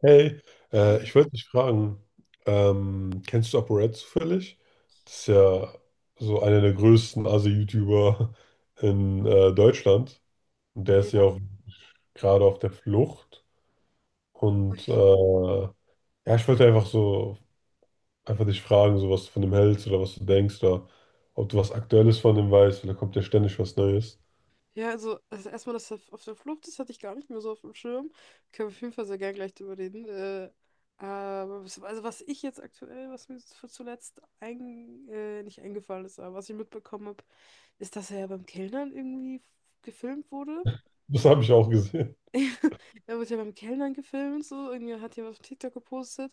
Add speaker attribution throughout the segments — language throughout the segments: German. Speaker 1: Hey,
Speaker 2: Ei.
Speaker 1: ich wollte dich fragen, kennst du ApoRed zufällig? Das ist ja so einer der größten Asi-YouTuber in Deutschland. Und der ist ja
Speaker 2: Ja,
Speaker 1: auch gerade auf der Flucht. Und ja, ich wollte einfach so, einfach dich fragen, so was du von dem hältst oder was du denkst oder ob du was Aktuelles von dem weißt, weil da kommt ja ständig was Neues.
Speaker 2: ja, also erstmal, dass er auf der Flucht ist, hatte ich gar nicht mehr so auf dem Schirm. Können wir auf jeden Fall sehr gern gleich drüber reden. Aber was ich jetzt aktuell, was mir zuletzt ein, nicht eingefallen ist, aber was ich mitbekommen habe, ist, dass er ja beim Kellnern irgendwie gefilmt wurde.
Speaker 1: Das habe ich auch gesehen.
Speaker 2: Er wird ja beim Kellnern gefilmt, so. Irgendwie hat jemand auf TikTok gepostet.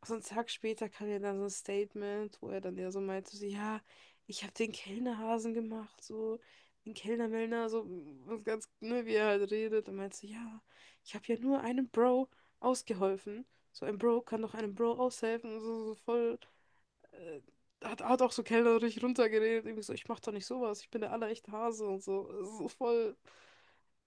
Speaker 2: Und so einen Tag später kam ja dann so ein Statement, wo er dann ja so meinte, so, ja, ich habe den Kellnerhasen gemacht, so. Den Kellnermellner, so was ganz, ne, wie er halt redet. Und meinte so, ja, ich habe ja nur einem Bro ausgeholfen. So ein Bro kann doch einem Bro aushelfen. So, so voll, äh, hat auch so kellnerisch runtergeredet. Irgendwie so, ich mach doch nicht sowas, ich bin der allerechte Hase und so. So voll.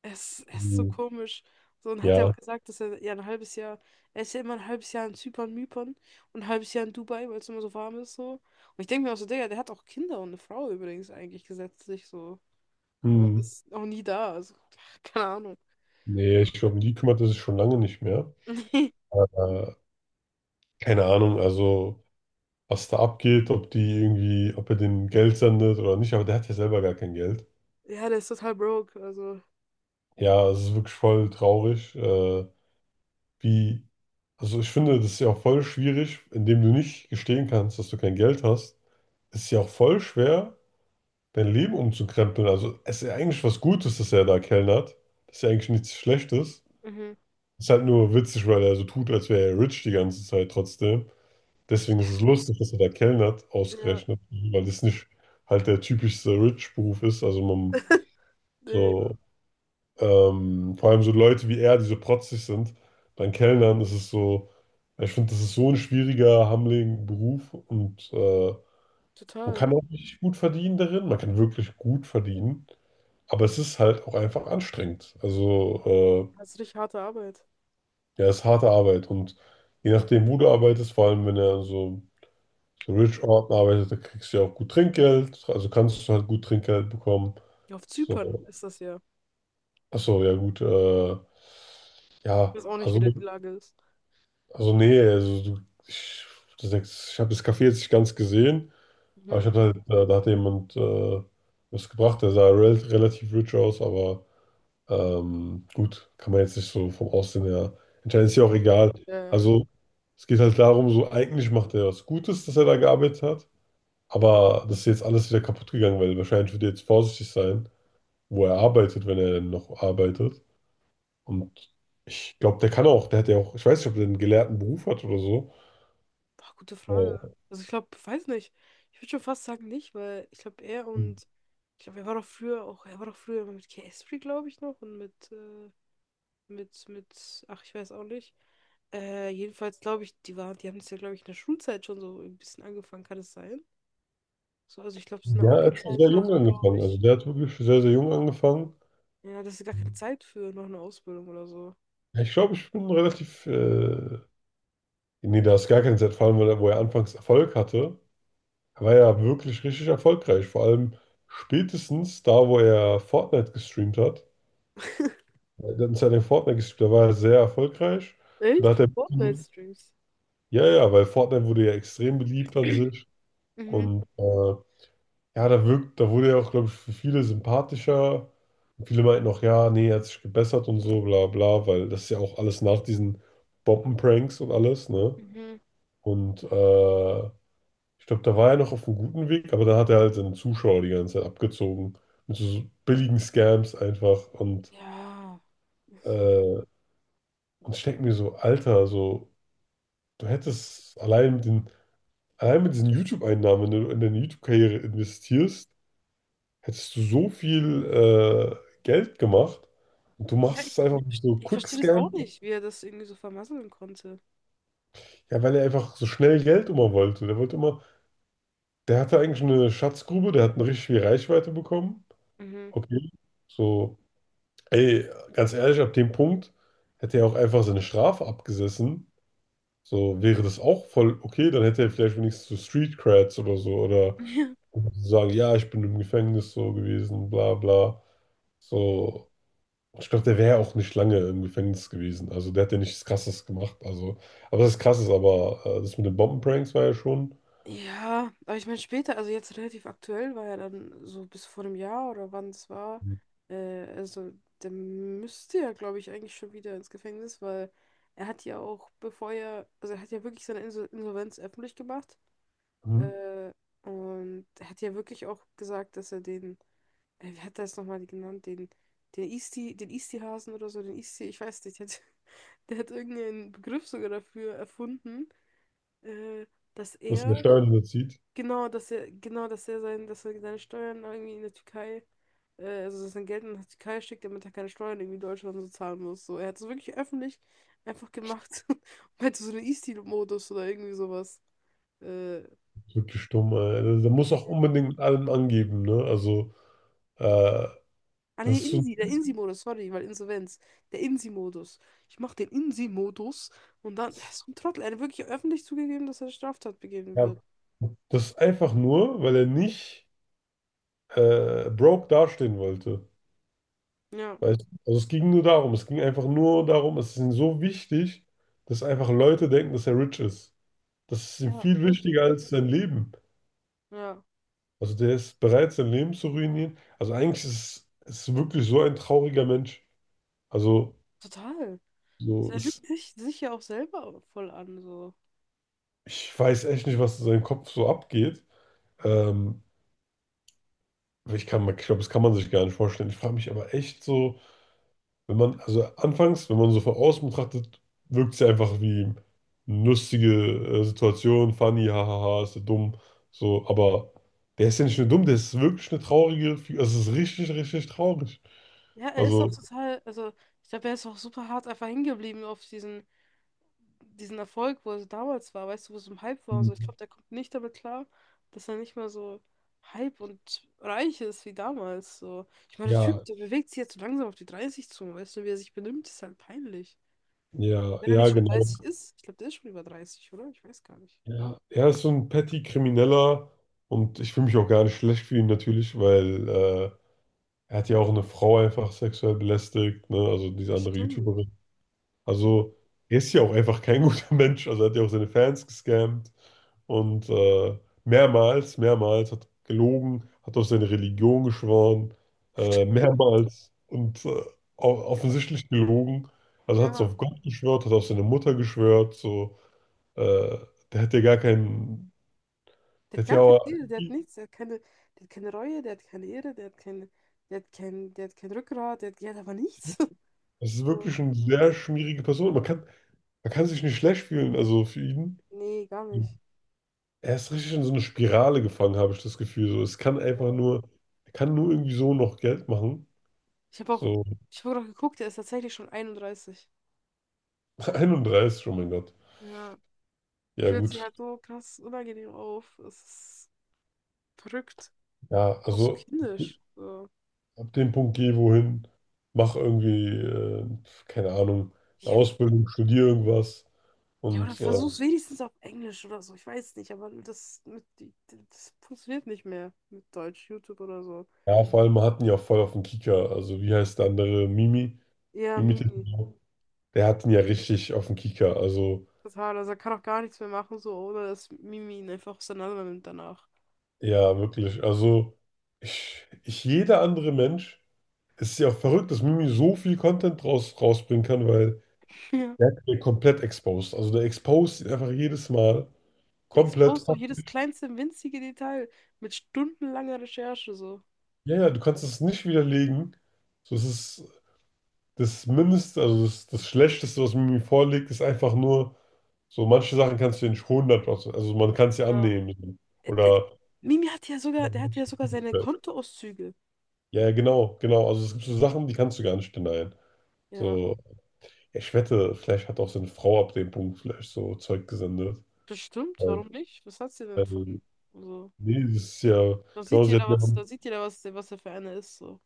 Speaker 2: Es ist so
Speaker 1: Hm.
Speaker 2: komisch. So, und hat er auch
Speaker 1: Ja.
Speaker 2: gesagt, dass er ja ein halbes Jahr, er ist ja immer ein halbes Jahr in Zypern, Mypern, und ein halbes Jahr in Dubai, weil es immer so warm ist, so. Und ich denke mir auch so, Digga, der hat auch Kinder und eine Frau übrigens eigentlich gesetzlich, so. Aber er
Speaker 1: Hm,
Speaker 2: ist auch nie da, also, keine Ahnung.
Speaker 1: nee, ich glaube, um die kümmert er sich schon lange nicht mehr. Äh, Keine Ahnung, also. Was da abgeht, ob die irgendwie, ob er denen Geld sendet oder nicht, aber der hat ja selber gar kein Geld.
Speaker 2: Ja, der ist total broke, also.
Speaker 1: Ja, es ist wirklich voll traurig, wie, also ich finde, das ist ja auch voll schwierig, indem du nicht gestehen kannst, dass du kein Geld hast, ist ja auch voll schwer, dein Leben umzukrempeln. Also es ist ja eigentlich was Gutes, dass er da kellnert. Das ist ja eigentlich nichts Schlechtes.
Speaker 2: Mhm.
Speaker 1: Ist halt nur witzig, weil er so tut, als wäre er rich die ganze Zeit trotzdem. Deswegen ist es lustig, dass er da kellnert,
Speaker 2: Ja,
Speaker 1: ausgerechnet, weil das nicht halt der typischste Rich-Beruf ist. Also man
Speaker 2: nee,
Speaker 1: so, vor allem so Leute wie er, die so protzig sind, dann Kellnern, das ist so, ich finde, das ist so ein schwieriger, hammeliger Beruf und man
Speaker 2: total.
Speaker 1: kann auch richtig gut verdienen darin, man kann wirklich gut verdienen, aber es ist halt auch einfach anstrengend. Also,
Speaker 2: Das ist richtig harte Arbeit.
Speaker 1: ja, es ist harte Arbeit und je nachdem, wo du arbeitest, vor allem wenn er so Rich Orten arbeitet, da kriegst du ja auch gut Trinkgeld, also kannst du halt gut Trinkgeld bekommen.
Speaker 2: Ja, auf
Speaker 1: So,
Speaker 2: Zypern ist das ja.
Speaker 1: achso, ja gut,
Speaker 2: Ich
Speaker 1: ja,
Speaker 2: weiß auch nicht, wie da die Lage ist.
Speaker 1: also nee, also du, ich, das, ich habe das Café jetzt nicht ganz gesehen, aber
Speaker 2: Mhm.
Speaker 1: ich habe halt, da, da hat jemand was gebracht, der sah relativ rich aus, aber gut, kann man jetzt nicht so vom Aussehen her entscheiden, ist ja auch
Speaker 2: Ja.
Speaker 1: egal.
Speaker 2: Äh,
Speaker 1: Also es geht halt darum, so eigentlich macht er was Gutes, dass er da gearbeitet hat. Aber das ist jetzt alles wieder kaputt gegangen, weil wahrscheinlich wird er jetzt vorsichtig sein, wo er arbeitet, wenn er denn noch arbeitet. Und ich glaube, der kann auch, der hat ja auch, ich weiß nicht, ob der einen gelehrten Beruf hat oder so.
Speaker 2: Boah, gute Frage.
Speaker 1: Äh,
Speaker 2: Also ich glaube, weiß nicht. Ich würde schon fast sagen nicht, weil ich glaube, er und ich glaube, er war doch früher auch, er war doch früher immer mit K-Esprit, glaube ich, noch und mit, ach, ich weiß auch nicht. Jedenfalls glaube ich, die waren, die haben es ja, glaube ich, in der Schulzeit schon so ein bisschen angefangen, kann es sein? So, also ich glaube, es ist eine
Speaker 1: Ja, er hat schon
Speaker 2: Abi-Zeit
Speaker 1: sehr
Speaker 2: oder
Speaker 1: jung
Speaker 2: so, glaube
Speaker 1: angefangen. Also
Speaker 2: ich.
Speaker 1: der hat wirklich sehr, sehr jung angefangen.
Speaker 2: Ja, das ist gar keine Zeit für noch eine Ausbildung oder so.
Speaker 1: Ja, ich glaube, ich bin relativ, nee, da ist gar keine Zeit, vor allem, weil er, wo er anfangs Erfolg hatte, war ja wirklich richtig erfolgreich. Vor allem spätestens da, wo er Fortnite gestreamt hat. Der hat uns ja den Fortnite gespielt, der war ja sehr erfolgreich. Und da
Speaker 2: Echt?
Speaker 1: hat
Speaker 2: Für
Speaker 1: er,
Speaker 2: Fortnite-Streams.
Speaker 1: ja, ja, weil Fortnite wurde ja extrem beliebt an sich.
Speaker 2: Mhm.
Speaker 1: Und ja, da wirkt, da wurde er auch, glaube ich, für viele sympathischer. Und viele meinten auch, ja, nee, er hat sich gebessert und so, bla bla, weil das ist ja auch alles nach diesen Bombenpranks und alles, ne?
Speaker 2: Mhm.
Speaker 1: Und ich glaube, da war er noch auf einem guten Weg, aber da hat er halt seine Zuschauer die ganze Zeit abgezogen. Mit so billigen Scams einfach.
Speaker 2: Ja, ach so.
Speaker 1: Äh, und ich denke mir so, Alter, so. Du hättest allein mit den, allein mit diesen YouTube-Einnahmen, wenn du in deine YouTube-Karriere investierst, hättest du so viel Geld gemacht und du
Speaker 2: Ja,
Speaker 1: machst es einfach mit so
Speaker 2: ich verstehe das auch
Speaker 1: Quickscan,
Speaker 2: nicht, wie er das irgendwie so vermasseln konnte.
Speaker 1: ja, weil er einfach so schnell Geld immer wollte. Der wollte immer, der hatte eigentlich eine Schatzgrube, der hat eine richtig viel Reichweite bekommen.
Speaker 2: Mhm.
Speaker 1: Okay, so, ey, ganz ehrlich, ab dem Punkt hätte er auch einfach seine Strafe abgesessen. So wäre das auch voll okay, dann hätte er vielleicht wenigstens so Street Creds oder so oder sagen, ja, ich bin im Gefängnis so gewesen, bla bla. So, ich glaube, der wäre auch nicht lange im Gefängnis gewesen. Also der hat ja nichts Krasses gemacht. Also, aber das ist krasses, aber das mit den Bombenpranks war ja schon.
Speaker 2: Ja, aber ich meine später, also jetzt relativ aktuell war ja dann so bis vor einem Jahr oder wann es war, also der müsste ja, glaube ich, eigentlich schon wieder ins Gefängnis, weil er hat ja auch, bevor er, also er hat ja wirklich seine Insolvenz öffentlich gemacht.
Speaker 1: Mhm.
Speaker 2: Äh, und er hat ja wirklich auch gesagt, dass er den, wie hat er es nochmal genannt, den Isti, den Isti-Hasen oder so, den Isti, ich weiß nicht, der hat, der hat irgendeinen Begriff sogar dafür erfunden, äh, dass
Speaker 1: Dass der
Speaker 2: er,
Speaker 1: Steuern überzieht.
Speaker 2: genau, genau, dass er seine Steuern irgendwie in der Türkei, also dass sein Geld in die Türkei schickt, damit er keine Steuern irgendwie in Deutschland so zahlen muss. So, er hat es wirklich öffentlich einfach gemacht und meinte so einen Isti-Modus oder irgendwie sowas. Äh,
Speaker 1: Wirklich dumm, ey. Der muss auch unbedingt mit allem angeben, ne? Also, äh,
Speaker 2: Ah, nee,
Speaker 1: das ist so,
Speaker 2: Insi, der Insi-Modus, sorry, weil Insolvenz. Der Insi-Modus. Ich mach den Insi-Modus und dann, er ist so ein Trottel, er hat wirklich öffentlich zugegeben, dass er eine Straftat begehen
Speaker 1: ja,
Speaker 2: wird.
Speaker 1: das ist einfach nur, weil er nicht broke dastehen wollte.
Speaker 2: Ja,
Speaker 1: Weißt du? Also es ging nur darum, es ging einfach nur darum, es ist ihm so wichtig, dass einfach Leute denken, dass er rich ist. Das ist ihm
Speaker 2: ja,
Speaker 1: viel
Speaker 2: wirklich,
Speaker 1: wichtiger als sein Leben.
Speaker 2: ja,
Speaker 1: Also der ist bereit, sein Leben zu ruinieren. Also eigentlich ist es ist wirklich so ein trauriger Mensch. Also
Speaker 2: total.
Speaker 1: so
Speaker 2: Also er
Speaker 1: ist,
Speaker 2: lügt sich ja auch selber voll an, so.
Speaker 1: ich weiß echt nicht, was in seinem Kopf so abgeht. Ähm, Ich kann, ich glaube, das kann man sich gar nicht vorstellen. Ich frage mich aber echt so, wenn man, also anfangs, wenn man so von außen betrachtet, wirkt sie einfach wie eine lustige Situation, funny, hahaha, ist der dumm, so, aber der ist ja nicht nur dumm, der ist wirklich eine traurige, also es ist richtig, richtig traurig.
Speaker 2: Ja, er ist auch
Speaker 1: Also,
Speaker 2: total, also, ich glaube, er ist auch super hart einfach hingeblieben auf diesen Erfolg, wo er so damals war, weißt du, wo es im Hype war und so. Ich glaube, der kommt nicht damit klar, dass er nicht mehr so Hype und reich ist wie damals. So. Ich meine, der Typ,
Speaker 1: ja,
Speaker 2: der bewegt sich jetzt so langsam auf die 30 zu, weißt du, wie er sich benimmt, ist halt peinlich.
Speaker 1: ja,
Speaker 2: Und wenn er
Speaker 1: ja,
Speaker 2: nicht schon
Speaker 1: genau.
Speaker 2: dreißig ist, ich glaube, der ist schon über 30, oder? Ich weiß gar nicht.
Speaker 1: Ja, er ist so ein petty Krimineller und ich fühle mich auch gar nicht schlecht für ihn natürlich, weil er hat ja auch eine Frau einfach sexuell belästigt, ne? Also diese andere
Speaker 2: Stimmt.
Speaker 1: YouTuberin.
Speaker 2: Ja,
Speaker 1: Also, er ist ja auch einfach kein guter Mensch. Also, er hat ja auch seine Fans gescammt und mehrmals, mehrmals hat gelogen, hat auf seine Religion geschworen,
Speaker 2: stimmt.
Speaker 1: mehrmals und offensichtlich gelogen. Also, hat es
Speaker 2: Ja.
Speaker 1: auf Gott geschwört, hat auf seine Mutter geschwört. So, äh, der hat ja gar keinen,
Speaker 2: Der
Speaker 1: der
Speaker 2: hat
Speaker 1: hat ja
Speaker 2: gar keine
Speaker 1: auch,
Speaker 2: Seele, der hat nichts, der hat keine Reue, der hat keine Ehre, der hat keine, der hat kein Rückgrat, der hat aber nichts.
Speaker 1: das ist
Speaker 2: So.
Speaker 1: wirklich eine sehr schmierige Person. Man kann sich nicht schlecht fühlen, also für ihn.
Speaker 2: Nee, gar nicht.
Speaker 1: Er ist richtig in so eine Spirale gefangen, habe ich das Gefühl. So, es kann
Speaker 2: Ja.
Speaker 1: einfach nur, er kann nur irgendwie so noch Geld machen.
Speaker 2: Ich habe auch,
Speaker 1: So.
Speaker 2: ich habe auch geguckt, er ist tatsächlich schon 31.
Speaker 1: 31, oh mein Gott.
Speaker 2: Ja, er
Speaker 1: Ja,
Speaker 2: fühlt sich
Speaker 1: gut.
Speaker 2: halt so krass unangenehm auf. Es ist verrückt.
Speaker 1: Ja,
Speaker 2: Auch so
Speaker 1: also
Speaker 2: kindisch. So.
Speaker 1: ab dem Punkt geh wohin, mach irgendwie, keine Ahnung, eine
Speaker 2: Ja,
Speaker 1: Ausbildung, studier irgendwas.
Speaker 2: ja, oder
Speaker 1: Und
Speaker 2: versuch's wenigstens auf Englisch oder so. Ich weiß nicht, aber das funktioniert nicht mehr mit Deutsch, YouTube oder so.
Speaker 1: ja, vor allem, wir hatten ja auch voll auf den Kieker. Also, wie heißt der andere? Mimi?
Speaker 2: Ja,
Speaker 1: Mimi
Speaker 2: Mimi.
Speaker 1: Tissot. Der hat ihn ja richtig auf den Kieker. Also,
Speaker 2: Total. Also er kann auch gar nichts mehr machen, so, ohne dass Mimi ihn einfach auseinander nimmt danach.
Speaker 1: ja, wirklich. Also, jeder andere Mensch. Es ist ja auch verrückt, dass Mimi so viel Content rausbringen kann, weil
Speaker 2: Ja.
Speaker 1: der wird komplett exposed. Also der exposed ihn einfach jedes Mal
Speaker 2: Der
Speaker 1: komplett.
Speaker 2: expost doch jedes kleinste, winzige Detail mit stundenlanger Recherche, so.
Speaker 1: Ja, ja, du kannst es nicht widerlegen. So, es ist das Mindeste, also das Schlechteste, was Mimi vorlegt, ist einfach nur, so manche Sachen kannst du ja nicht 100%, also man kann es ja
Speaker 2: Ja.
Speaker 1: annehmen.
Speaker 2: Äh, d- d-
Speaker 1: Oder.
Speaker 2: Mimi hat ja
Speaker 1: Ja,
Speaker 2: sogar, der hat ja sogar seine Kontoauszüge.
Speaker 1: ja, genau, genau. Also es gibt so Sachen, die kannst du gar nicht denyen.
Speaker 2: Ja,
Speaker 1: So, ja, ich wette, vielleicht hat auch seine Frau ab dem Punkt vielleicht so Zeug gesendet.
Speaker 2: bestimmt, warum nicht? Was hat sie denn von?
Speaker 1: Äh,
Speaker 2: Also,
Speaker 1: Nee, das ist ja,
Speaker 2: da
Speaker 1: genau,
Speaker 2: sieht
Speaker 1: sie hat
Speaker 2: jeder
Speaker 1: ja,
Speaker 2: was, da sieht jeder was, was er für einer ist, so.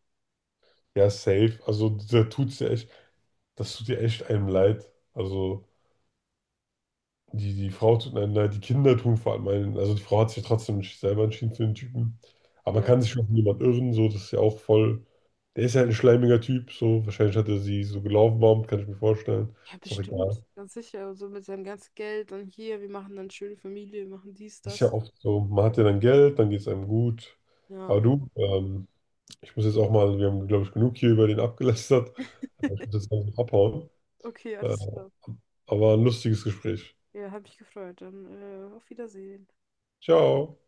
Speaker 1: ja safe. Also, da tut's ja echt, das tut ja echt einem leid. Also, die Frau tut einem leid, die Kinder tun vor allem einen. Also, die Frau hat sich ja trotzdem nicht selber entschieden für den Typen. Aber man
Speaker 2: Ja.
Speaker 1: kann sich schon von jemand irren, so, das ist ja auch voll. Der ist ja halt ein schleimiger Typ, so. Wahrscheinlich hat er sie so gelaufen, bombt, kann ich mir vorstellen.
Speaker 2: Ja,
Speaker 1: Ist auch
Speaker 2: bestimmt,
Speaker 1: egal.
Speaker 2: ganz sicher. Also mit seinem ganzen Geld und hier, wir machen dann schöne Familie, wir machen dies,
Speaker 1: Ist ja
Speaker 2: das.
Speaker 1: oft so, man hat ja dann Geld, dann geht es einem gut.
Speaker 2: Ja,
Speaker 1: Aber
Speaker 2: genau.
Speaker 1: du, ich muss jetzt auch mal, wir haben, glaube ich, genug hier über den abgelästert. Ich muss jetzt langsam abhauen.
Speaker 2: Okay,
Speaker 1: Äh,
Speaker 2: alles klar.
Speaker 1: aber ein lustiges Gespräch.
Speaker 2: Ja, hat mich gefreut. Dann auf Wiedersehen.
Speaker 1: Ciao.